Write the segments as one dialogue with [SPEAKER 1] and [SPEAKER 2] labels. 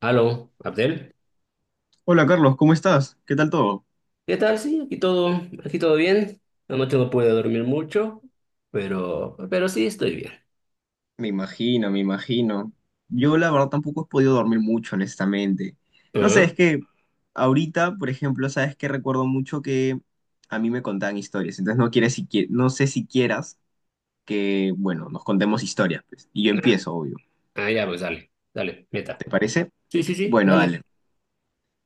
[SPEAKER 1] Aló, Abdel.
[SPEAKER 2] Hola Carlos, ¿cómo estás? ¿Qué tal todo?
[SPEAKER 1] ¿Qué tal? Sí, aquí todo bien. Anoche no pude dormir mucho, pero sí estoy bien.
[SPEAKER 2] Me imagino, me imagino. Yo la verdad tampoco he podido dormir mucho, honestamente. No sé,
[SPEAKER 1] Ah,
[SPEAKER 2] es que ahorita, por ejemplo, sabes que recuerdo mucho que a mí me contaban historias, entonces no quieres siqui- no sé si quieras que, bueno, nos contemos historias, pues. Y yo empiezo, obvio.
[SPEAKER 1] ah, ya, pues dale, dale, meta.
[SPEAKER 2] ¿Te parece?
[SPEAKER 1] Sí, sí, sí,
[SPEAKER 2] Bueno,
[SPEAKER 1] dale.
[SPEAKER 2] dale.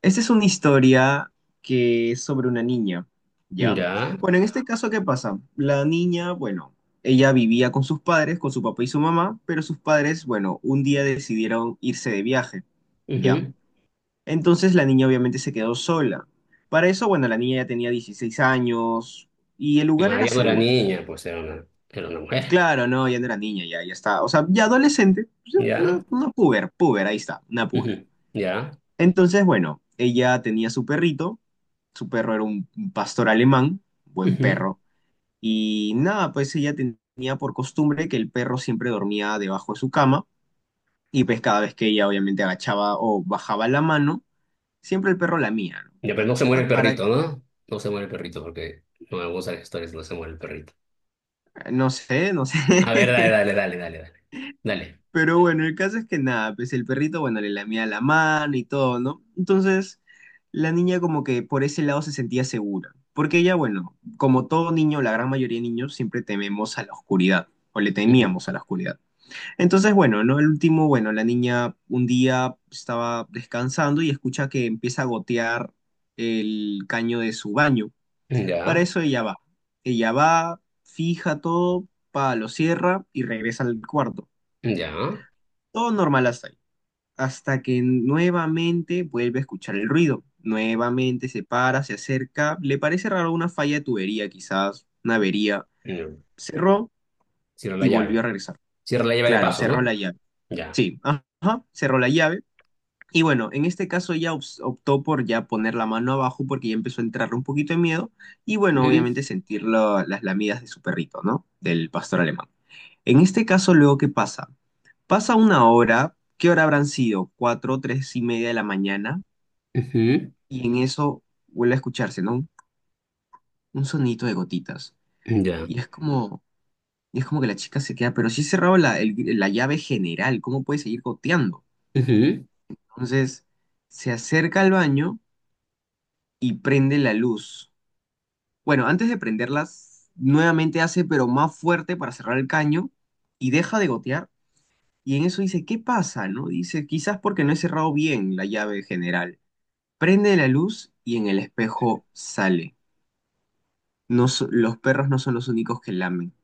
[SPEAKER 2] Esta es una historia que es sobre una niña, ¿ya?
[SPEAKER 1] Ya.
[SPEAKER 2] Bueno, en este caso, ¿qué pasa? La niña, bueno, ella vivía con sus padres, con su papá y su mamá, pero sus padres, bueno, un día decidieron irse de viaje, ¿ya?
[SPEAKER 1] Ujú.
[SPEAKER 2] Entonces la niña obviamente se quedó sola. Para eso, bueno, la niña ya tenía 16 años y el lugar
[SPEAKER 1] Ah,
[SPEAKER 2] era
[SPEAKER 1] ya no era
[SPEAKER 2] seguro.
[SPEAKER 1] niña, pues era una mujer.
[SPEAKER 2] Claro, no, ya no era niña, ya, ya está. O sea, ya adolescente, pues,
[SPEAKER 1] Ya.
[SPEAKER 2] una puber, puber, ahí está, una puber.
[SPEAKER 1] Ujú. Ya.
[SPEAKER 2] Entonces, bueno, ella tenía su perrito, su perro era un pastor alemán, buen
[SPEAKER 1] Ujú.
[SPEAKER 2] perro, y nada, pues ella ten- tenía por costumbre que el perro siempre dormía debajo de su cama, y pues cada vez que ella obviamente agachaba o bajaba la mano, siempre el perro lamía, ¿no?
[SPEAKER 1] Ya, pero no
[SPEAKER 2] Pac,
[SPEAKER 1] se muere el
[SPEAKER 2] pac, para,
[SPEAKER 1] perrito, ¿no? No se muere el perrito porque no me gustan las historias, no se muere el perrito.
[SPEAKER 2] no sé, no sé.
[SPEAKER 1] A ver, dale, dale, dale, dale, dale. Dale.
[SPEAKER 2] Pero bueno, el caso es que nada, pues el perrito, bueno, le lamía la mano y todo, ¿no? Entonces, la niña como que por ese lado se sentía segura, porque ella, bueno, como todo niño, la gran mayoría de niños, siempre tememos a la oscuridad, o le
[SPEAKER 1] Ujú.
[SPEAKER 2] temíamos a la oscuridad. Entonces, bueno, ¿no? El último, bueno, la niña un día estaba descansando y escucha que empieza a gotear el caño de su baño. Para
[SPEAKER 1] Ya,
[SPEAKER 2] eso ella va. Ella va, fija todo, pa, lo cierra y regresa al cuarto.
[SPEAKER 1] ya.
[SPEAKER 2] Todo normal hasta ahí hasta que nuevamente vuelve a escuchar el ruido. Nuevamente se para, se acerca, le parece raro una falla de tubería, quizás una avería.
[SPEAKER 1] Mm.
[SPEAKER 2] Cerró
[SPEAKER 1] Cierra la
[SPEAKER 2] y volvió a
[SPEAKER 1] llave.
[SPEAKER 2] regresar.
[SPEAKER 1] Cierra la llave de
[SPEAKER 2] Claro,
[SPEAKER 1] paso,
[SPEAKER 2] cerró
[SPEAKER 1] ¿no?
[SPEAKER 2] la llave.
[SPEAKER 1] Ya.
[SPEAKER 2] Sí, ajá, cerró la llave. Y bueno, en este caso ella ops- optó por ya poner la mano abajo porque ya empezó a entrarle un poquito de miedo y bueno, obviamente
[SPEAKER 1] Ujú,
[SPEAKER 2] sentir la- las lamidas de su perrito, ¿no? Del pastor alemán. En este caso, luego, ¿qué pasa? Pasa una hora, ¿qué hora habrán sido? Cuatro, tres y media de la mañana.
[SPEAKER 1] ujú.
[SPEAKER 2] Y en eso vuelve a escucharse, ¿no? Un sonito de gotitas.
[SPEAKER 1] Ya.
[SPEAKER 2] Y es como, y es como que la chica se queda, pero si he cerrado la, el- la llave general, ¿cómo puede seguir goteando?
[SPEAKER 1] Ujú.
[SPEAKER 2] Entonces se acerca al baño y prende la luz. Bueno, antes de prenderlas, nuevamente hace, pero más fuerte para cerrar el caño y deja de gotear. Y en eso dice, ¿qué pasa? ¿No? Dice, quizás porque no he cerrado bien la llave general. Prende la luz y en el espejo sale. No, so- los perros no son los únicos que lamen.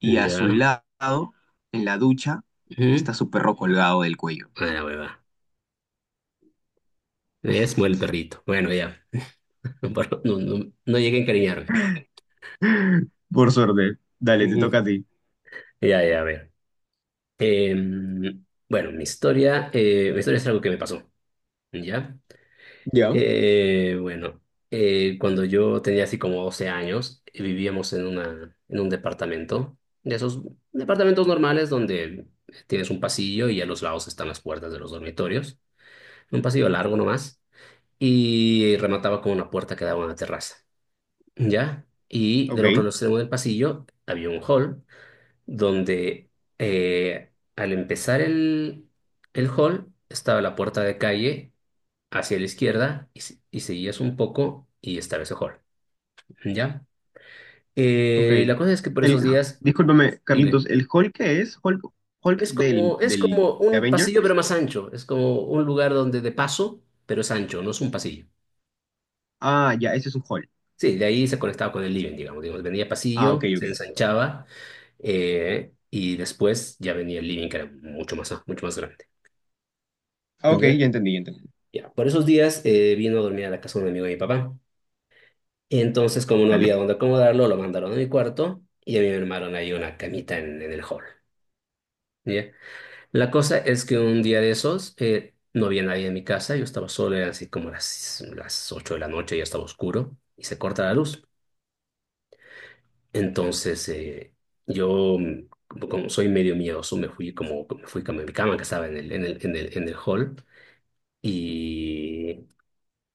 [SPEAKER 2] Y a su
[SPEAKER 1] Ya.
[SPEAKER 2] lado, en la ducha,
[SPEAKER 1] Ujú.
[SPEAKER 2] está su perro colgado del cuello.
[SPEAKER 1] Ah, la hueva. Es muere el perrito. Bueno, ya. No, no, no llegué a encariñarme.
[SPEAKER 2] Por suerte. Dale, te
[SPEAKER 1] Ujú.
[SPEAKER 2] toca a ti.
[SPEAKER 1] Ya, ya, a ver. Bueno, mi historia es algo que me pasó. ¿Ya?
[SPEAKER 2] Ya.
[SPEAKER 1] Bueno, cuando yo tenía así como 12 años, vivíamos en una, en un departamento, de esos departamentos normales donde tienes un pasillo y a los lados están las puertas de los dormitorios. Un pasillo largo nomás, y remataba con una puerta que daba a una terraza, ¿ya? Y
[SPEAKER 2] Ok,
[SPEAKER 1] del otro extremo del pasillo había un hall donde, al empezar el, hall estaba la puerta de calle hacia la izquierda y, y seguías un poco y estaba ese hall, ¿ya?
[SPEAKER 2] ok.
[SPEAKER 1] La cosa es que por
[SPEAKER 2] El,
[SPEAKER 1] esos días,
[SPEAKER 2] discúlpame,
[SPEAKER 1] dime,
[SPEAKER 2] Carlitos, ¿el Hulk qué es? ¿Hulk, Hulk
[SPEAKER 1] es
[SPEAKER 2] del,
[SPEAKER 1] como, es
[SPEAKER 2] del,
[SPEAKER 1] como
[SPEAKER 2] de
[SPEAKER 1] un pasillo pero
[SPEAKER 2] Avengers?
[SPEAKER 1] más ancho, es como un lugar donde de paso, pero es ancho, no es un pasillo.
[SPEAKER 2] Ah, ya, ese es un Hulk.
[SPEAKER 1] Sí, de ahí se conectaba con el living, digamos. Digamos, venía
[SPEAKER 2] Ah, ok,
[SPEAKER 1] pasillo,
[SPEAKER 2] ok.
[SPEAKER 1] se ensanchaba, y después ya venía el living, que era mucho más grande.
[SPEAKER 2] Ah, ok, ya
[SPEAKER 1] ¿Ya?
[SPEAKER 2] entendí, ya entendí.
[SPEAKER 1] Ya. Por esos días, vino a dormir a la casa de un amigo de mi papá. Entonces, como no
[SPEAKER 2] Dale.
[SPEAKER 1] había dónde acomodarlo, lo mandaron a mi cuarto y a mí me armaron ahí una camita en el hall. ¿Ya? La cosa es que un día de esos, no había nadie en mi casa, yo estaba solo, eran así como las 8 de la noche, ya estaba oscuro y se corta la luz. Entonces, yo, como soy medio miedoso, me fui a mi cama que estaba en el hall y,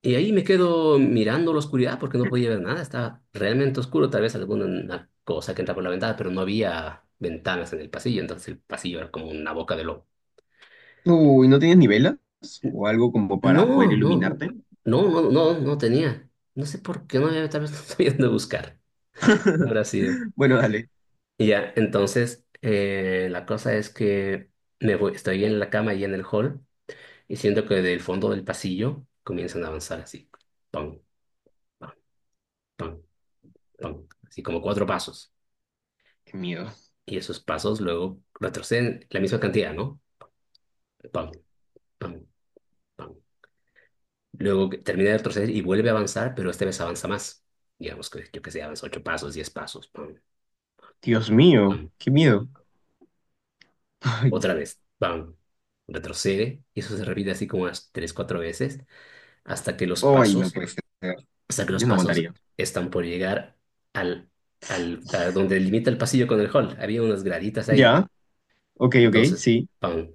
[SPEAKER 1] y ahí me quedo mirando la oscuridad porque no podía ver nada, estaba realmente oscuro, tal vez alguna una cosa que entra por la ventana, pero no había ventanas en el pasillo, entonces el pasillo era como una boca de lobo.
[SPEAKER 2] Uy, ¿no tienes ni velas? ¿O algo como para poder
[SPEAKER 1] No, no,
[SPEAKER 2] iluminarte?
[SPEAKER 1] no, no, no, no tenía. No sé por qué no había, tal vez no estoy de buscar. ¿Qué habrá sido?
[SPEAKER 2] Bueno, dale.
[SPEAKER 1] Y ya, entonces, la cosa es que me voy, estoy en la cama y en el hall y siento que del fondo del pasillo comienzan a avanzar así, pam, pam, pam, pam, así como cuatro pasos.
[SPEAKER 2] Qué miedo.
[SPEAKER 1] Y esos pasos luego retroceden la misma cantidad, ¿no? Pam, pam, pam. Luego que termina de retroceder y vuelve a avanzar, pero esta vez avanza más. Digamos que yo que sé, avanza 8 pasos, 10 pasos, pam,
[SPEAKER 2] Dios mío,
[SPEAKER 1] pam.
[SPEAKER 2] qué miedo. Ay,
[SPEAKER 1] Otra vez, pam, retrocede y eso se repite así como unas tres, cuatro veces hasta que los
[SPEAKER 2] ay, no
[SPEAKER 1] pasos
[SPEAKER 2] puede ser.
[SPEAKER 1] hasta que los
[SPEAKER 2] Yo no
[SPEAKER 1] pasos
[SPEAKER 2] aguantaría.
[SPEAKER 1] están por llegar al, a donde limita el pasillo con el hall. Había unas graditas ahí.
[SPEAKER 2] Ya, ok, ok,
[SPEAKER 1] Entonces,
[SPEAKER 2] sí.
[SPEAKER 1] pam,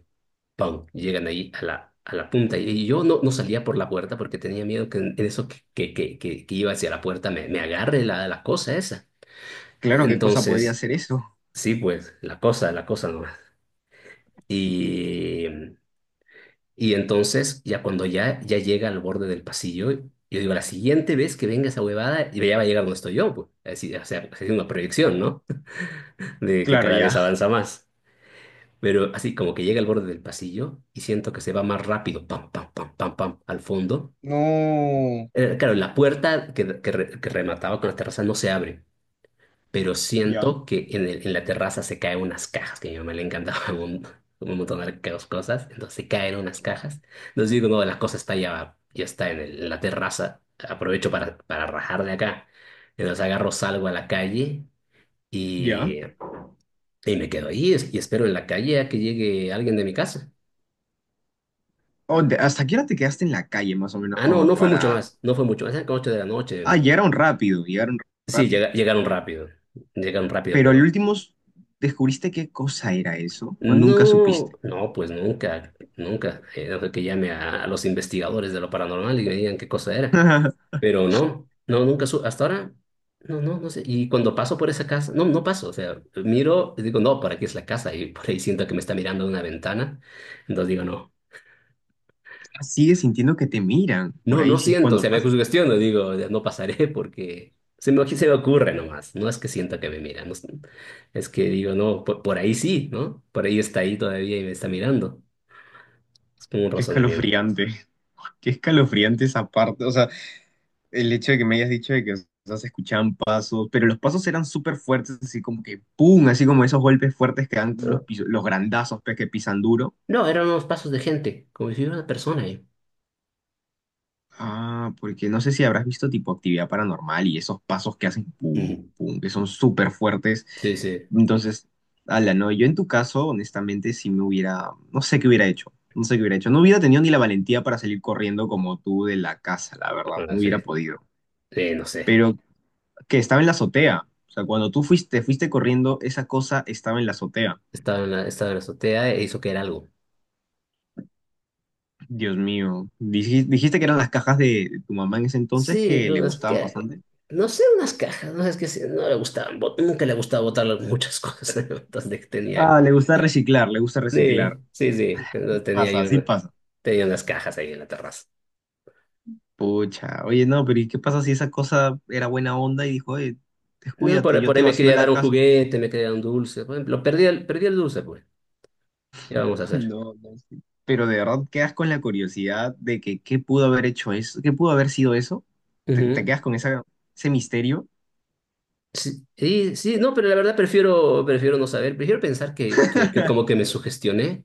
[SPEAKER 1] pam, llegan ahí a la, punta. Y, y yo no salía por la puerta porque tenía miedo que en eso que iba hacia la puerta me agarre la, la cosa esa.
[SPEAKER 2] Claro, ¿qué cosa podría
[SPEAKER 1] Entonces,
[SPEAKER 2] ser eso?
[SPEAKER 1] sí, pues, la cosa nomás. Y Y entonces, ya cuando ya llega al borde del pasillo, yo digo, la siguiente vez que venga esa huevada, y ya va a llegar donde estoy yo, pues. Así, o sea, haciendo una proyección, ¿no? De que
[SPEAKER 2] Claro,
[SPEAKER 1] cada vez
[SPEAKER 2] ya,
[SPEAKER 1] avanza más. Pero así como que llega al borde del pasillo y siento que se va más rápido, pam, pam, pam, pam, pam, al fondo.
[SPEAKER 2] no,
[SPEAKER 1] Claro, la puerta que remataba con la terraza no se abre. Pero
[SPEAKER 2] ya,
[SPEAKER 1] siento que en la terraza se caen unas cajas, que a mi mamá le encantaban un montón de cosas, entonces se caen unas cajas. Entonces digo, no, la cosa está ya está en la terraza, aprovecho para rajar de acá. Entonces agarro, salgo a la calle
[SPEAKER 2] ya.
[SPEAKER 1] y, y me quedo ahí y espero en la calle a que llegue alguien de mi casa.
[SPEAKER 2] Oh, de- ¿hasta qué hora te quedaste en la calle, más o menos,
[SPEAKER 1] Ah, no,
[SPEAKER 2] como
[SPEAKER 1] no fue mucho
[SPEAKER 2] para...
[SPEAKER 1] más, no fue mucho más, eran como 8 de la
[SPEAKER 2] Ah,
[SPEAKER 1] noche.
[SPEAKER 2] llegaron
[SPEAKER 1] Ya.
[SPEAKER 2] rápido, llegaron
[SPEAKER 1] Sí,
[SPEAKER 2] rápido.
[SPEAKER 1] llegaron rápido,
[SPEAKER 2] Pero al
[SPEAKER 1] pero...
[SPEAKER 2] último, ¿descubriste qué cosa era eso? ¿O nunca
[SPEAKER 1] No,
[SPEAKER 2] supiste?
[SPEAKER 1] no, pues nunca, nunca. Era de que llame a los investigadores de lo paranormal y me digan qué cosa era. Pero no, no, nunca, hasta ahora, no, no, no sé. Y cuando paso por esa casa, no, no paso. O sea, miro y digo, no, ¿para aquí es la casa? Y por ahí siento que me está mirando de una ventana. Entonces digo, no,
[SPEAKER 2] Sigues sintiendo que te miran por
[SPEAKER 1] no,
[SPEAKER 2] ahí,
[SPEAKER 1] no
[SPEAKER 2] si es
[SPEAKER 1] siento. O
[SPEAKER 2] cuando
[SPEAKER 1] sea, me
[SPEAKER 2] pasa.
[SPEAKER 1] sugestiono, digo, no pasaré porque se me ocurre nomás. No es que sienta que me mira, no es que digo, no, por ahí sí, ¿no? Por ahí está ahí todavía y me está mirando. Es como un
[SPEAKER 2] Qué
[SPEAKER 1] razonamiento.
[SPEAKER 2] escalofriante, qué escalofriante esa parte. O sea, el hecho de que me hayas dicho de que, o sea, se escuchaban pasos, pero los pasos eran súper fuertes, así como que ¡pum! Así como esos golpes fuertes que dan los,
[SPEAKER 1] ¿No?
[SPEAKER 2] piso- los grandazos pues, que pisan duro.
[SPEAKER 1] No, eran unos pasos de gente, como si hubiera una persona ahí.
[SPEAKER 2] Ah, porque no sé si habrás visto tipo actividad paranormal y esos pasos que hacen ¡pum!
[SPEAKER 1] Ujú.
[SPEAKER 2] ¡Pum! Que son súper fuertes.
[SPEAKER 1] Sí, sí,
[SPEAKER 2] Entonces, ala, no, yo en tu caso, honestamente, si me hubiera, no sé qué hubiera hecho, no sé qué hubiera hecho. No hubiera tenido ni la valentía para salir corriendo como tú de la casa, la verdad,
[SPEAKER 1] ahora
[SPEAKER 2] no
[SPEAKER 1] sí,
[SPEAKER 2] hubiera podido.
[SPEAKER 1] sí, no sé.
[SPEAKER 2] Pero que estaba en la azotea. O sea, cuando tú fuiste, fuiste corriendo, esa cosa estaba en la azotea.
[SPEAKER 1] Estaba en la azotea e hizo que era algo.
[SPEAKER 2] Dios mío. Dijis- Dijiste, que eran las cajas de tu mamá en ese entonces
[SPEAKER 1] Sí,
[SPEAKER 2] que
[SPEAKER 1] eran
[SPEAKER 2] le
[SPEAKER 1] unas
[SPEAKER 2] gustaban
[SPEAKER 1] que,
[SPEAKER 2] bastante.
[SPEAKER 1] no sé, unas cajas, no sé, es que sí, no le gustaban, nunca le gustaba botar muchas cosas, entonces tenía...
[SPEAKER 2] Ah, le gusta reciclar, le gusta reciclar.
[SPEAKER 1] Sí, sí, sí, entonces tenía
[SPEAKER 2] Pasa,
[SPEAKER 1] yo
[SPEAKER 2] así pasa.
[SPEAKER 1] tenía unas cajas ahí en la terraza.
[SPEAKER 2] Pucha, oye, no, pero ¿y qué pasa si esa cosa era buena onda y dijo, oye,
[SPEAKER 1] No,
[SPEAKER 2] descuídate,
[SPEAKER 1] por,
[SPEAKER 2] yo
[SPEAKER 1] por ahí
[SPEAKER 2] te
[SPEAKER 1] me
[SPEAKER 2] vacío
[SPEAKER 1] quería
[SPEAKER 2] la
[SPEAKER 1] dar un
[SPEAKER 2] casa?
[SPEAKER 1] juguete, me quería dar un dulce, por ejemplo, perdí el dulce, pues, ¿qué vamos a hacer?
[SPEAKER 2] No, no, sí. Pero de verdad quedas con la curiosidad de que qué pudo haber hecho eso, qué pudo haber sido eso. Te
[SPEAKER 1] Ujú.
[SPEAKER 2] quedas con esa, ese misterio.
[SPEAKER 1] Sí, sí, sí, no, pero la verdad prefiero no saber, prefiero pensar que, que como que me sugestioné,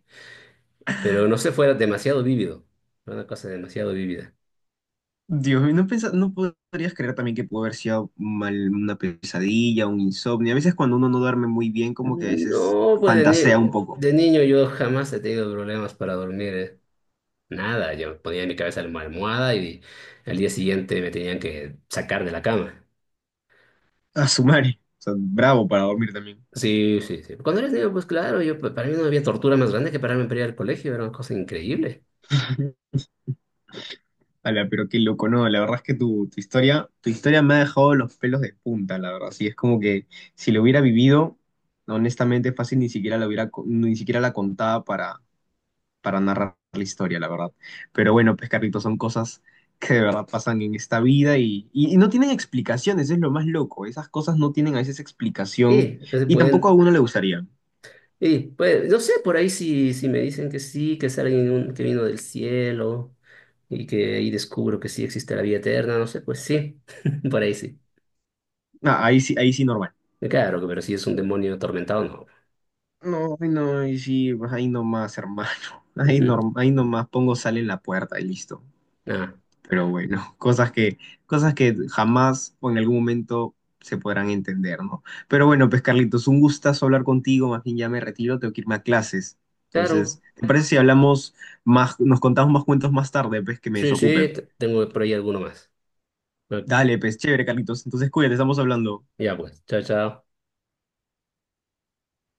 [SPEAKER 1] pero no se fuera demasiado vívido, fue una cosa demasiado vívida.
[SPEAKER 2] Dios mío, no pensa- no podrías creer también que pudo haber sido mal, una pesadilla, un insomnio. A veces cuando uno no duerme muy bien, como que a veces
[SPEAKER 1] No, pues
[SPEAKER 2] fantasea un poco.
[SPEAKER 1] de niño yo jamás he tenido problemas para dormir. Nada, yo ponía en mi cabeza en la almohada y al día siguiente me tenían que sacar de la cama.
[SPEAKER 2] A su madre. O sea, bravo para dormir también.
[SPEAKER 1] Sí, sí, sí. Cuando eres niño, pues claro, yo, para mí no había tortura más grande que pararme para ir al colegio, era una cosa increíble.
[SPEAKER 2] Ala, pero qué loco, no, la verdad es que tu, tu historia me ha dejado los pelos de punta, la verdad. Sí, es como que si lo hubiera vivido, honestamente fácil ni siquiera la hubiera, co- ni siquiera la contaba para. Para narrar la historia, la verdad. Pero bueno, pues Carlitos, son cosas que de verdad pasan en esta vida y no tienen explicaciones, es lo más loco. Esas cosas no tienen a veces explicación
[SPEAKER 1] Y se
[SPEAKER 2] y tampoco a
[SPEAKER 1] pueden,
[SPEAKER 2] uno le gustaría.
[SPEAKER 1] Y pues, no sé, por ahí si me dicen que sí, que es alguien que vino del cielo y que ahí descubro que sí existe la vida eterna, no sé, pues sí, por ahí sí.
[SPEAKER 2] Ah, ahí sí normal.
[SPEAKER 1] Claro, pero si es un demonio atormentado, no.
[SPEAKER 2] No, ay, no, ahí sí, pues ahí nomás, hermano. Ahí,
[SPEAKER 1] Ujú.
[SPEAKER 2] norm ahí nomás pongo sal en la puerta y listo.
[SPEAKER 1] Ah,
[SPEAKER 2] Pero bueno, cosas que jamás o en algún momento se podrán entender, ¿no? Pero bueno, pues Carlitos, un gustazo hablar contigo, más bien ya me retiro, tengo que irme a clases.
[SPEAKER 1] claro,
[SPEAKER 2] Entonces, ¿te parece si hablamos más, nos contamos más cuentos más tarde, pues que me
[SPEAKER 1] sí, sí,
[SPEAKER 2] desocupe?
[SPEAKER 1] tengo por ahí alguno más. Ah,
[SPEAKER 2] Dale, pues chévere, Carlitos. Entonces, cuídate, estamos hablando.
[SPEAKER 1] Ya pues, chao, chao.